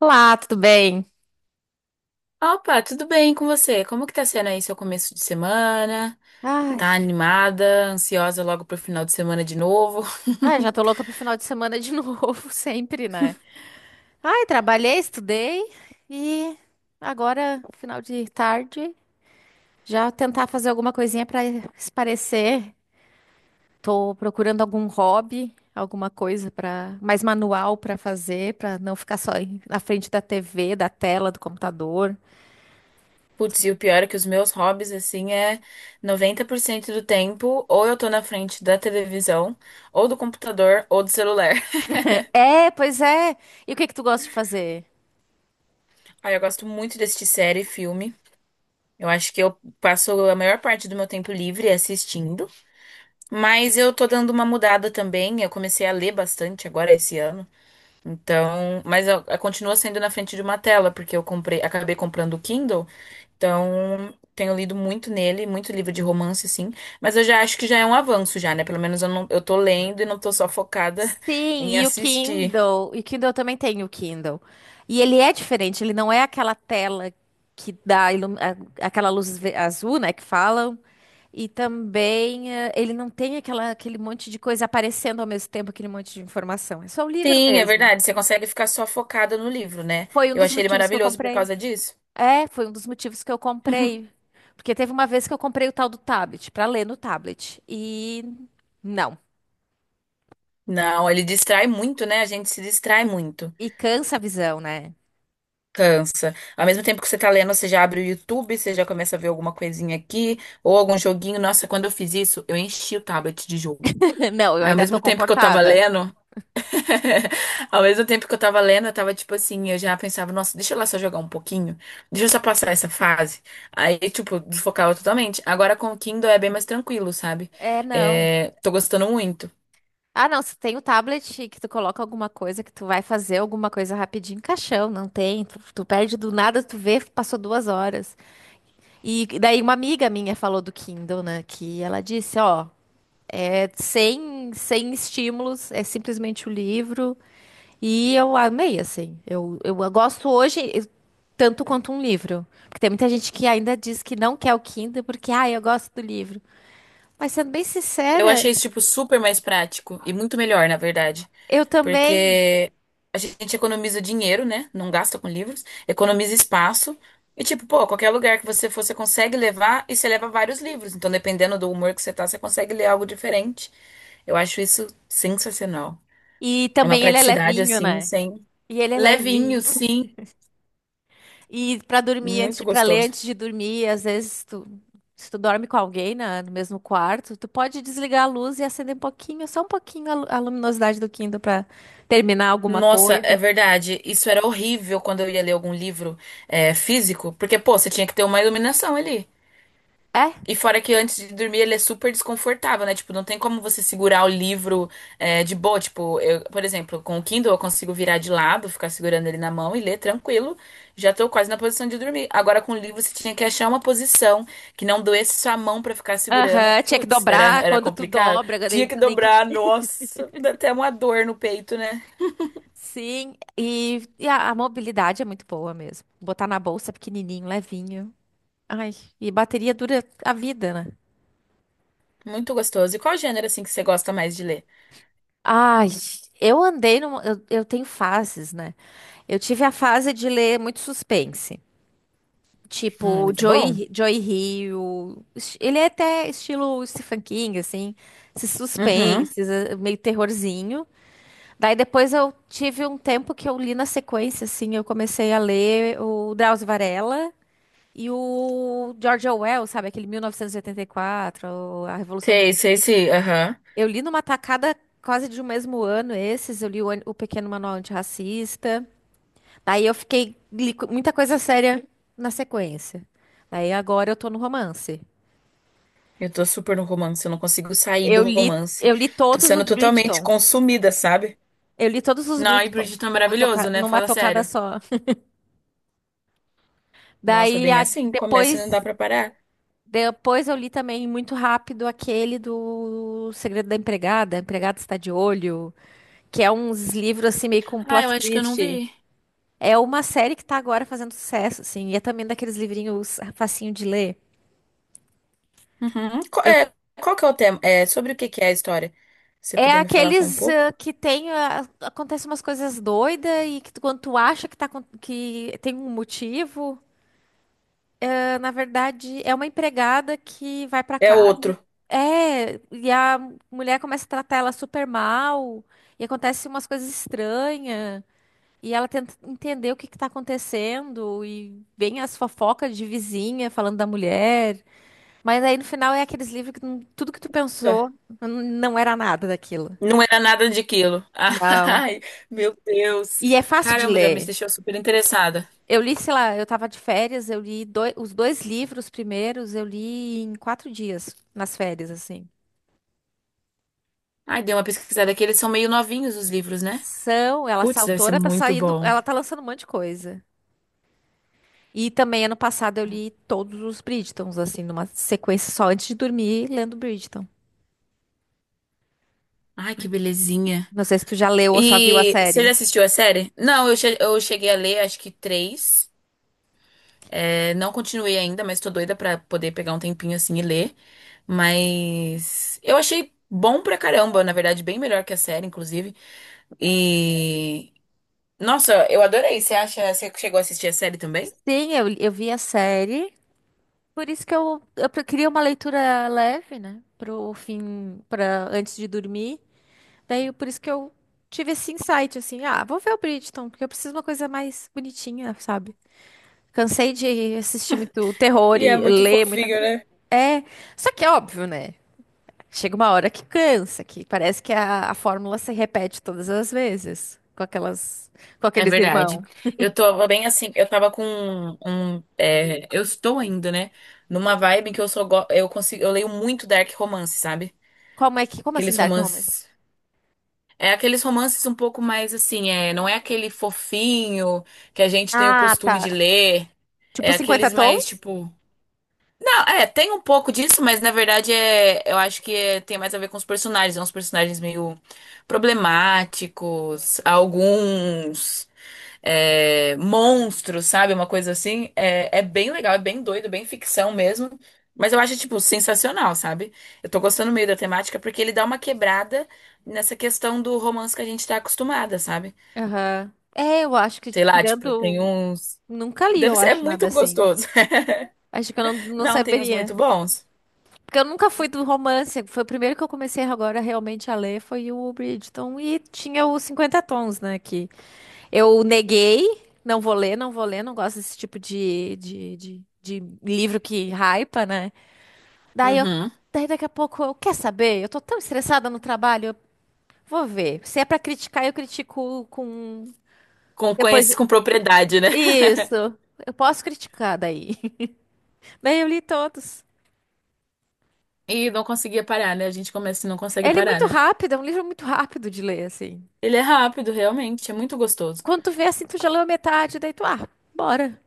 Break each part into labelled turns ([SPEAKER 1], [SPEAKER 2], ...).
[SPEAKER 1] Olá, tudo bem?
[SPEAKER 2] Opa, tudo bem com você? Como que tá sendo aí seu começo de semana?
[SPEAKER 1] Ai,
[SPEAKER 2] Tá animada, ansiosa logo pro final de semana de novo?
[SPEAKER 1] Já tô louca pro final de semana de novo, sempre, né? Ai, trabalhei, estudei e agora, final de tarde, já tentar fazer alguma coisinha pra espairecer. Tô procurando algum hobby, alguma coisa para mais manual pra fazer, pra não ficar só na frente da TV, da tela, do computador.
[SPEAKER 2] Putz, e o pior é que os meus hobbies, assim, é 90% do tempo, ou eu tô na frente da televisão, ou do computador, ou do celular.
[SPEAKER 1] É, pois é. E o que que tu gosta de fazer?
[SPEAKER 2] Aí eu gosto muito de assistir série e filme. Eu acho que eu passo a maior parte do meu tempo livre assistindo. Mas eu tô dando uma mudada também. Eu comecei a ler bastante agora esse ano. Então, mas continua sendo na frente de uma tela, porque eu comprei, acabei comprando o Kindle, então tenho lido muito nele, muito livro de romance, sim, mas eu já acho que já é um avanço já, né? Pelo menos eu não, eu tô lendo e não tô só focada
[SPEAKER 1] Sim,
[SPEAKER 2] em
[SPEAKER 1] e o
[SPEAKER 2] assistir.
[SPEAKER 1] Kindle. E o Kindle eu também tem o Kindle. E ele é diferente, ele não é aquela tela que dá aquela luz azul, né, que falam. E também ele não tem aquele monte de coisa aparecendo ao mesmo tempo, aquele monte de informação. É só o livro
[SPEAKER 2] Sim, é
[SPEAKER 1] mesmo.
[SPEAKER 2] verdade, você consegue ficar só focada no livro, né?
[SPEAKER 1] Foi um
[SPEAKER 2] Eu
[SPEAKER 1] dos
[SPEAKER 2] achei ele
[SPEAKER 1] motivos que eu
[SPEAKER 2] maravilhoso por
[SPEAKER 1] comprei.
[SPEAKER 2] causa disso.
[SPEAKER 1] É, foi um dos motivos que eu comprei. Porque teve uma vez que eu comprei o tal do tablet, pra ler no tablet. E não.
[SPEAKER 2] Não, ele distrai muito, né? A gente se distrai muito.
[SPEAKER 1] E cansa a visão, né?
[SPEAKER 2] Cansa. Ao mesmo tempo que você tá lendo, você já abre o YouTube, você já começa a ver alguma coisinha aqui, ou algum joguinho. Nossa, quando eu fiz isso, eu enchi o tablet de jogo.
[SPEAKER 1] Não, eu
[SPEAKER 2] Aí, ao
[SPEAKER 1] ainda tô
[SPEAKER 2] mesmo tempo que eu tava
[SPEAKER 1] comportada.
[SPEAKER 2] lendo, ao mesmo tempo que eu tava lendo, eu tava tipo assim, eu já pensava, nossa, deixa eu lá só jogar um pouquinho, deixa eu só passar essa fase. Aí, tipo, desfocava totalmente. Agora com o Kindle é bem mais tranquilo, sabe?
[SPEAKER 1] É, não.
[SPEAKER 2] É, tô gostando muito.
[SPEAKER 1] Ah, não, se tem o tablet que tu coloca alguma coisa, que tu vai fazer alguma coisa rapidinho, caixão, não tem. Tu perde do nada, tu vê, passou 2 horas. E daí uma amiga minha falou do Kindle, né? Que ela disse, ó, é sem estímulos, é simplesmente o livro. E eu amei, assim. Eu gosto hoje tanto quanto um livro. Porque tem muita gente que ainda diz que não quer o Kindle porque, ah, eu gosto do livro. Mas sendo bem
[SPEAKER 2] Eu
[SPEAKER 1] sincera,
[SPEAKER 2] achei isso, tipo, super mais prático e muito melhor, na verdade.
[SPEAKER 1] eu também.
[SPEAKER 2] Porque a gente economiza dinheiro, né? Não gasta com livros, economiza espaço. E, tipo, pô, qualquer lugar que você for, você consegue levar e você leva vários livros. Então, dependendo do humor que você tá, você consegue ler algo diferente. Eu acho isso sensacional.
[SPEAKER 1] E
[SPEAKER 2] É uma
[SPEAKER 1] também ele é
[SPEAKER 2] praticidade
[SPEAKER 1] levinho,
[SPEAKER 2] assim,
[SPEAKER 1] né?
[SPEAKER 2] sem.
[SPEAKER 1] E ele é
[SPEAKER 2] Levinho,
[SPEAKER 1] levinho.
[SPEAKER 2] sim,
[SPEAKER 1] E pra dormir antes,
[SPEAKER 2] muito
[SPEAKER 1] ler
[SPEAKER 2] gostoso.
[SPEAKER 1] antes de dormir, às vezes tu, se tu dorme com alguém no mesmo quarto, tu pode desligar a luz e acender um pouquinho, só um pouquinho a a luminosidade do Kindle pra terminar alguma
[SPEAKER 2] Nossa, é
[SPEAKER 1] coisa.
[SPEAKER 2] verdade. Isso era horrível quando eu ia ler algum livro é, físico, porque, pô, você tinha que ter uma iluminação ali.
[SPEAKER 1] É?
[SPEAKER 2] E fora que antes de dormir ele é super desconfortável, né? Tipo, não tem como você segurar o livro é, de boa. Tipo, eu, por exemplo, com o Kindle eu consigo virar de lado, ficar segurando ele na mão e ler tranquilo. Já tô quase na posição de dormir. Agora com o livro você tinha que achar uma posição que não doesse sua mão pra ficar segurando.
[SPEAKER 1] Aham, tinha que
[SPEAKER 2] Putz, era,
[SPEAKER 1] dobrar
[SPEAKER 2] era
[SPEAKER 1] quando tu
[SPEAKER 2] complicado.
[SPEAKER 1] dobra, daí
[SPEAKER 2] Tinha que
[SPEAKER 1] tu nem que...
[SPEAKER 2] dobrar, nossa, dá até uma dor no peito, né?
[SPEAKER 1] Sim, e a mobilidade é muito boa mesmo. Botar na bolsa pequenininho, levinho. Ai, e bateria dura a vida, né?
[SPEAKER 2] Muito gostoso. E qual gênero assim que você gosta mais de ler?
[SPEAKER 1] Ai, eu andei numa. Eu tenho fases, né? Eu tive a fase de ler muito suspense. Tipo,
[SPEAKER 2] Muito bom.
[SPEAKER 1] Joey Hill. Ele é até estilo Stephen King, assim. Esses
[SPEAKER 2] Uhum.
[SPEAKER 1] suspenses, meio terrorzinho. Daí depois eu tive um tempo que eu li na sequência, assim. Eu comecei a ler o Drauzio Varela e o George Orwell, sabe? Aquele 1984, A Revolução do.
[SPEAKER 2] Sei, sei, sei. Aham.
[SPEAKER 1] Eu li numa tacada quase de um mesmo ano esses, eu li o Pequeno Manual Antirracista. Daí eu fiquei, li muita coisa séria na sequência. Daí agora eu tô no romance.
[SPEAKER 2] Eu tô super no romance, eu não consigo sair do
[SPEAKER 1] Eu li,
[SPEAKER 2] romance.
[SPEAKER 1] eu li
[SPEAKER 2] Tô
[SPEAKER 1] todos
[SPEAKER 2] sendo
[SPEAKER 1] os
[SPEAKER 2] totalmente
[SPEAKER 1] Bridgerton.
[SPEAKER 2] consumida, sabe?
[SPEAKER 1] Eu li todos os
[SPEAKER 2] Não, e
[SPEAKER 1] Bridgerton
[SPEAKER 2] Bridgerton é maravilhoso, né?
[SPEAKER 1] numa
[SPEAKER 2] Fala
[SPEAKER 1] tocada
[SPEAKER 2] sério.
[SPEAKER 1] só.
[SPEAKER 2] Nossa,
[SPEAKER 1] Daí
[SPEAKER 2] bem assim, começa e
[SPEAKER 1] depois,
[SPEAKER 2] não dá pra parar.
[SPEAKER 1] depois eu li também muito rápido aquele do Segredo da Empregada, a Empregada Está de Olho, que é uns livros assim meio com
[SPEAKER 2] Ah,
[SPEAKER 1] plot
[SPEAKER 2] eu acho que eu não
[SPEAKER 1] twist.
[SPEAKER 2] vi.
[SPEAKER 1] É uma série que tá agora fazendo sucesso, assim, e é também daqueles livrinhos facinho de ler.
[SPEAKER 2] Uhum. Qual,
[SPEAKER 1] Eu-
[SPEAKER 2] é, qual que é o tema? É, sobre o que que é a história? Se você
[SPEAKER 1] É
[SPEAKER 2] puder me falar só um
[SPEAKER 1] aqueles
[SPEAKER 2] pouco.
[SPEAKER 1] que tem, ah, acontecem umas coisas doidas e que quando tu acha que, tá, que tem um motivo, ah, na verdade é uma empregada que vai pra
[SPEAKER 2] É
[SPEAKER 1] casa.
[SPEAKER 2] outro.
[SPEAKER 1] É, e a mulher começa a tratar ela super mal, e acontece umas coisas estranhas, e ela tenta entender o que que tá acontecendo, e vem as fofocas de vizinha falando da mulher. Mas aí no final é aqueles livros que tudo que tu
[SPEAKER 2] Tá.
[SPEAKER 1] pensou não era nada daquilo.
[SPEAKER 2] Não era nada de quilo.
[SPEAKER 1] Não.
[SPEAKER 2] Ai, meu Deus.
[SPEAKER 1] E é fácil de
[SPEAKER 2] Caramba, já me
[SPEAKER 1] ler.
[SPEAKER 2] deixou super interessada.
[SPEAKER 1] Eu li, sei lá, eu tava de férias, eu li os dois livros primeiros, eu li em 4 dias, nas férias, assim.
[SPEAKER 2] Ai, dei uma pesquisada aqui. Eles são meio novinhos os livros, né?
[SPEAKER 1] São, ela, essa
[SPEAKER 2] Putz, deve ser
[SPEAKER 1] autora tá
[SPEAKER 2] muito
[SPEAKER 1] saindo,
[SPEAKER 2] bom.
[SPEAKER 1] ela tá lançando um monte de coisa. E também ano passado eu li todos os Bridgertons, assim, numa sequência só antes de dormir, lendo Bridgerton.
[SPEAKER 2] Ai, que belezinha.
[SPEAKER 1] Não sei se tu já leu ou só viu a
[SPEAKER 2] E você já
[SPEAKER 1] série.
[SPEAKER 2] assistiu a série? Não, eu, eu cheguei a ler acho que três. É, não continuei ainda, mas tô doida pra poder pegar um tempinho assim e ler. Mas eu achei bom pra caramba, na verdade, bem melhor que a série, inclusive. E nossa, eu adorei. Você acha, você chegou a assistir a série também?
[SPEAKER 1] Sim, eu vi a série. Por isso que eu, eu queria uma leitura leve, né? Pro fim, para antes de dormir. Daí, por isso que eu tive esse insight, assim, ah, vou ver o Bridgerton, porque eu preciso de uma coisa mais bonitinha, sabe? Cansei de assistir muito terror
[SPEAKER 2] E é
[SPEAKER 1] e
[SPEAKER 2] muito
[SPEAKER 1] ler muita
[SPEAKER 2] fofinho,
[SPEAKER 1] coisa.
[SPEAKER 2] né?
[SPEAKER 1] É, só que é óbvio, né? Chega uma hora que cansa, que parece que a fórmula se repete todas as vezes com aquelas, com
[SPEAKER 2] É
[SPEAKER 1] aqueles
[SPEAKER 2] verdade.
[SPEAKER 1] irmãos.
[SPEAKER 2] Eu tô bem assim, eu tava com é, eu estou ainda, né, numa vibe que eu só eu consigo, eu leio muito dark romance, sabe?
[SPEAKER 1] Como é que, como
[SPEAKER 2] Aqueles
[SPEAKER 1] assim, Dark Romance?
[SPEAKER 2] romances É aqueles romances um pouco mais assim, é, não é aquele fofinho que a gente tem o
[SPEAKER 1] Ah,
[SPEAKER 2] costume
[SPEAKER 1] tá.
[SPEAKER 2] de ler,
[SPEAKER 1] Tipo
[SPEAKER 2] é
[SPEAKER 1] cinquenta
[SPEAKER 2] aqueles mais
[SPEAKER 1] tons?
[SPEAKER 2] tipo, não, é, tem um pouco disso, mas na verdade é, eu acho tem mais a ver com os personagens, é uns personagens meio problemáticos, alguns é, monstros, sabe? Uma coisa assim. É, é bem legal, é bem doido, bem ficção mesmo. Mas eu acho, tipo, sensacional, sabe? Eu tô gostando meio da temática porque ele dá uma quebrada nessa questão do romance que a gente tá acostumada, sabe?
[SPEAKER 1] Aham. É, eu acho que
[SPEAKER 2] Sei lá, tipo, tem
[SPEAKER 1] tirando.
[SPEAKER 2] uns.
[SPEAKER 1] Nunca li,
[SPEAKER 2] Deve
[SPEAKER 1] eu
[SPEAKER 2] ser... É
[SPEAKER 1] acho, nada
[SPEAKER 2] muito
[SPEAKER 1] assim.
[SPEAKER 2] gostoso.
[SPEAKER 1] Acho que eu não, não
[SPEAKER 2] Não, tem uns muito
[SPEAKER 1] saberia.
[SPEAKER 2] bons.
[SPEAKER 1] Porque eu nunca fui do romance. Foi o primeiro que eu comecei agora realmente a ler, foi o Bridgerton. E tinha os Cinquenta tons, né? Que eu neguei, não vou ler, não vou ler, não gosto desse tipo de livro que hypa, né? Daí eu.
[SPEAKER 2] Uhum.
[SPEAKER 1] Daí daqui a pouco eu quer saber? Eu tô tão estressada no trabalho, eu vou ver. Se é pra criticar, eu critico com
[SPEAKER 2] Com,
[SPEAKER 1] depois.
[SPEAKER 2] conhece com propriedade, né?
[SPEAKER 1] Isso. Eu posso criticar daí. Daí eu li todos.
[SPEAKER 2] E não conseguia parar, né? A gente começa e não
[SPEAKER 1] É,
[SPEAKER 2] consegue
[SPEAKER 1] ele é
[SPEAKER 2] parar,
[SPEAKER 1] muito
[SPEAKER 2] né?
[SPEAKER 1] rápido, é um livro muito rápido de ler, assim.
[SPEAKER 2] Ele é rápido, realmente, é muito gostoso.
[SPEAKER 1] Quando tu vê assim, tu já leu a metade, daí tu, ah, bora.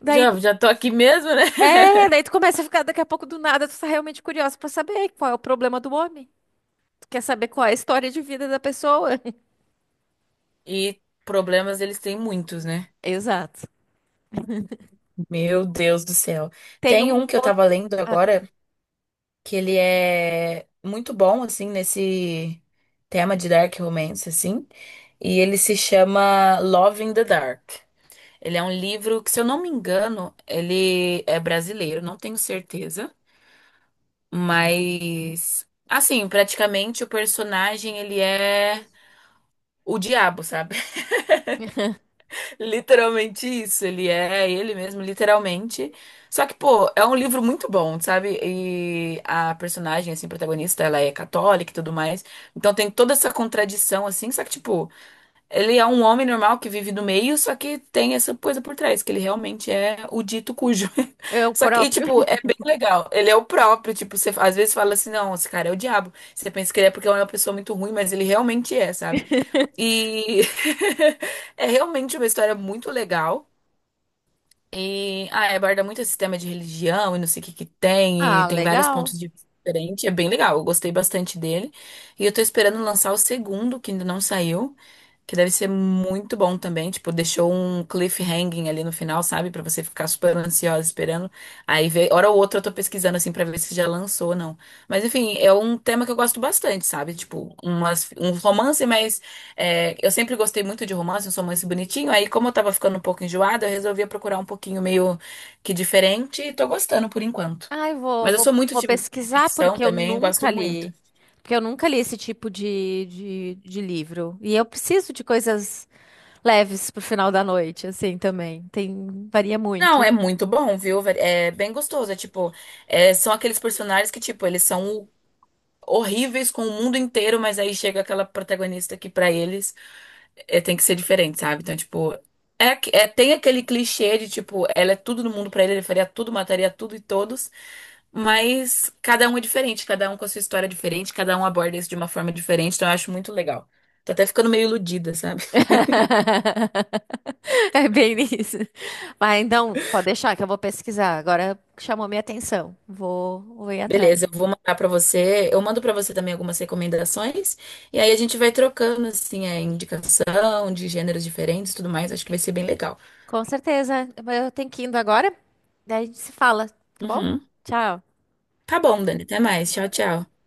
[SPEAKER 1] Daí
[SPEAKER 2] Já,
[SPEAKER 1] tu,
[SPEAKER 2] já tô aqui mesmo, né?
[SPEAKER 1] é, daí tu começa a ficar daqui a pouco do nada, tu tá realmente curioso pra saber qual é o problema do homem. Tu quer saber qual é a história de vida da pessoa.
[SPEAKER 2] E problemas eles têm muitos, né?
[SPEAKER 1] Exato.
[SPEAKER 2] Meu Deus do céu.
[SPEAKER 1] Tem
[SPEAKER 2] Tem
[SPEAKER 1] um
[SPEAKER 2] um que eu tava
[SPEAKER 1] outro.
[SPEAKER 2] lendo
[SPEAKER 1] Ah, tá.
[SPEAKER 2] agora, que ele é muito bom, assim, nesse tema de dark romance, assim. E ele se chama Love in the Dark. Ele é um livro que, se eu não me engano, ele é brasileiro, não tenho certeza. Mas, assim, praticamente o personagem, ele é o diabo, sabe? Literalmente isso, ele é ele mesmo, literalmente. Só que, pô, é um livro muito bom, sabe? E a personagem, assim, protagonista, ela é católica e tudo mais. Então tem toda essa contradição, assim. Só que, tipo, ele é um homem normal que vive no meio, só que tem essa coisa por trás, que ele realmente é o dito cujo.
[SPEAKER 1] É
[SPEAKER 2] Só que, e,
[SPEAKER 1] próprio.
[SPEAKER 2] tipo, é bem legal. Ele é o próprio, tipo, você às vezes fala assim, não, esse cara é o diabo. Você pensa que ele é porque ele é uma pessoa muito ruim, mas ele realmente é, sabe? E é realmente uma história muito legal. E ah, aborda muito esse tema de religião e não sei o que que tem, e
[SPEAKER 1] Ah,
[SPEAKER 2] tem vários
[SPEAKER 1] legal.
[SPEAKER 2] pontos de vista diferentes. É bem legal, eu gostei bastante dele. E eu tô esperando lançar o segundo, que ainda não saiu. Que deve ser muito bom também. Tipo, deixou um cliffhanging ali no final, sabe? Pra você ficar super ansiosa esperando. Aí, vê, hora ou outra, eu tô pesquisando assim pra ver se já lançou ou não. Mas, enfim, é um tema que eu gosto bastante, sabe? Tipo, umas, um romance, mas é, eu sempre gostei muito de romance, um romance bonitinho. Aí, como eu tava ficando um pouco enjoada, eu resolvia procurar um pouquinho meio que diferente e tô gostando por enquanto.
[SPEAKER 1] Ai,
[SPEAKER 2] Mas eu sou muito
[SPEAKER 1] vou
[SPEAKER 2] de
[SPEAKER 1] pesquisar
[SPEAKER 2] ficção
[SPEAKER 1] porque eu
[SPEAKER 2] também, gosto
[SPEAKER 1] nunca
[SPEAKER 2] muito.
[SPEAKER 1] li. Porque eu nunca li esse tipo de livro. E eu preciso de coisas leves pro final da noite, assim, também. Tem, varia
[SPEAKER 2] Não,
[SPEAKER 1] muito.
[SPEAKER 2] é muito bom, viu? Velho? É bem gostoso. É tipo, é, são aqueles personagens que, tipo, eles são horríveis com o mundo inteiro, mas aí chega aquela protagonista que pra eles é, tem que ser diferente, sabe? Então, tipo, é, tem aquele clichê de, tipo, ela é tudo no mundo pra ele, ele faria tudo, mataria tudo e todos, mas cada um é diferente, cada um com a sua história é diferente, cada um aborda isso de uma forma diferente, então eu acho muito legal. Tô até ficando meio iludida, sabe?
[SPEAKER 1] É bem isso. Mas então, pode deixar que eu vou pesquisar. Agora chamou minha atenção. Vou ir atrás.
[SPEAKER 2] Beleza, eu vou mandar pra você. Eu mando pra você também algumas recomendações e aí a gente vai trocando assim a indicação de gêneros diferentes, e tudo mais. Acho que vai ser bem legal.
[SPEAKER 1] Com certeza. Eu tenho que ir indo agora. Daí a gente se fala, tá bom?
[SPEAKER 2] Uhum.
[SPEAKER 1] Tchau.
[SPEAKER 2] Tá bom, Dani. Até mais. Tchau, tchau.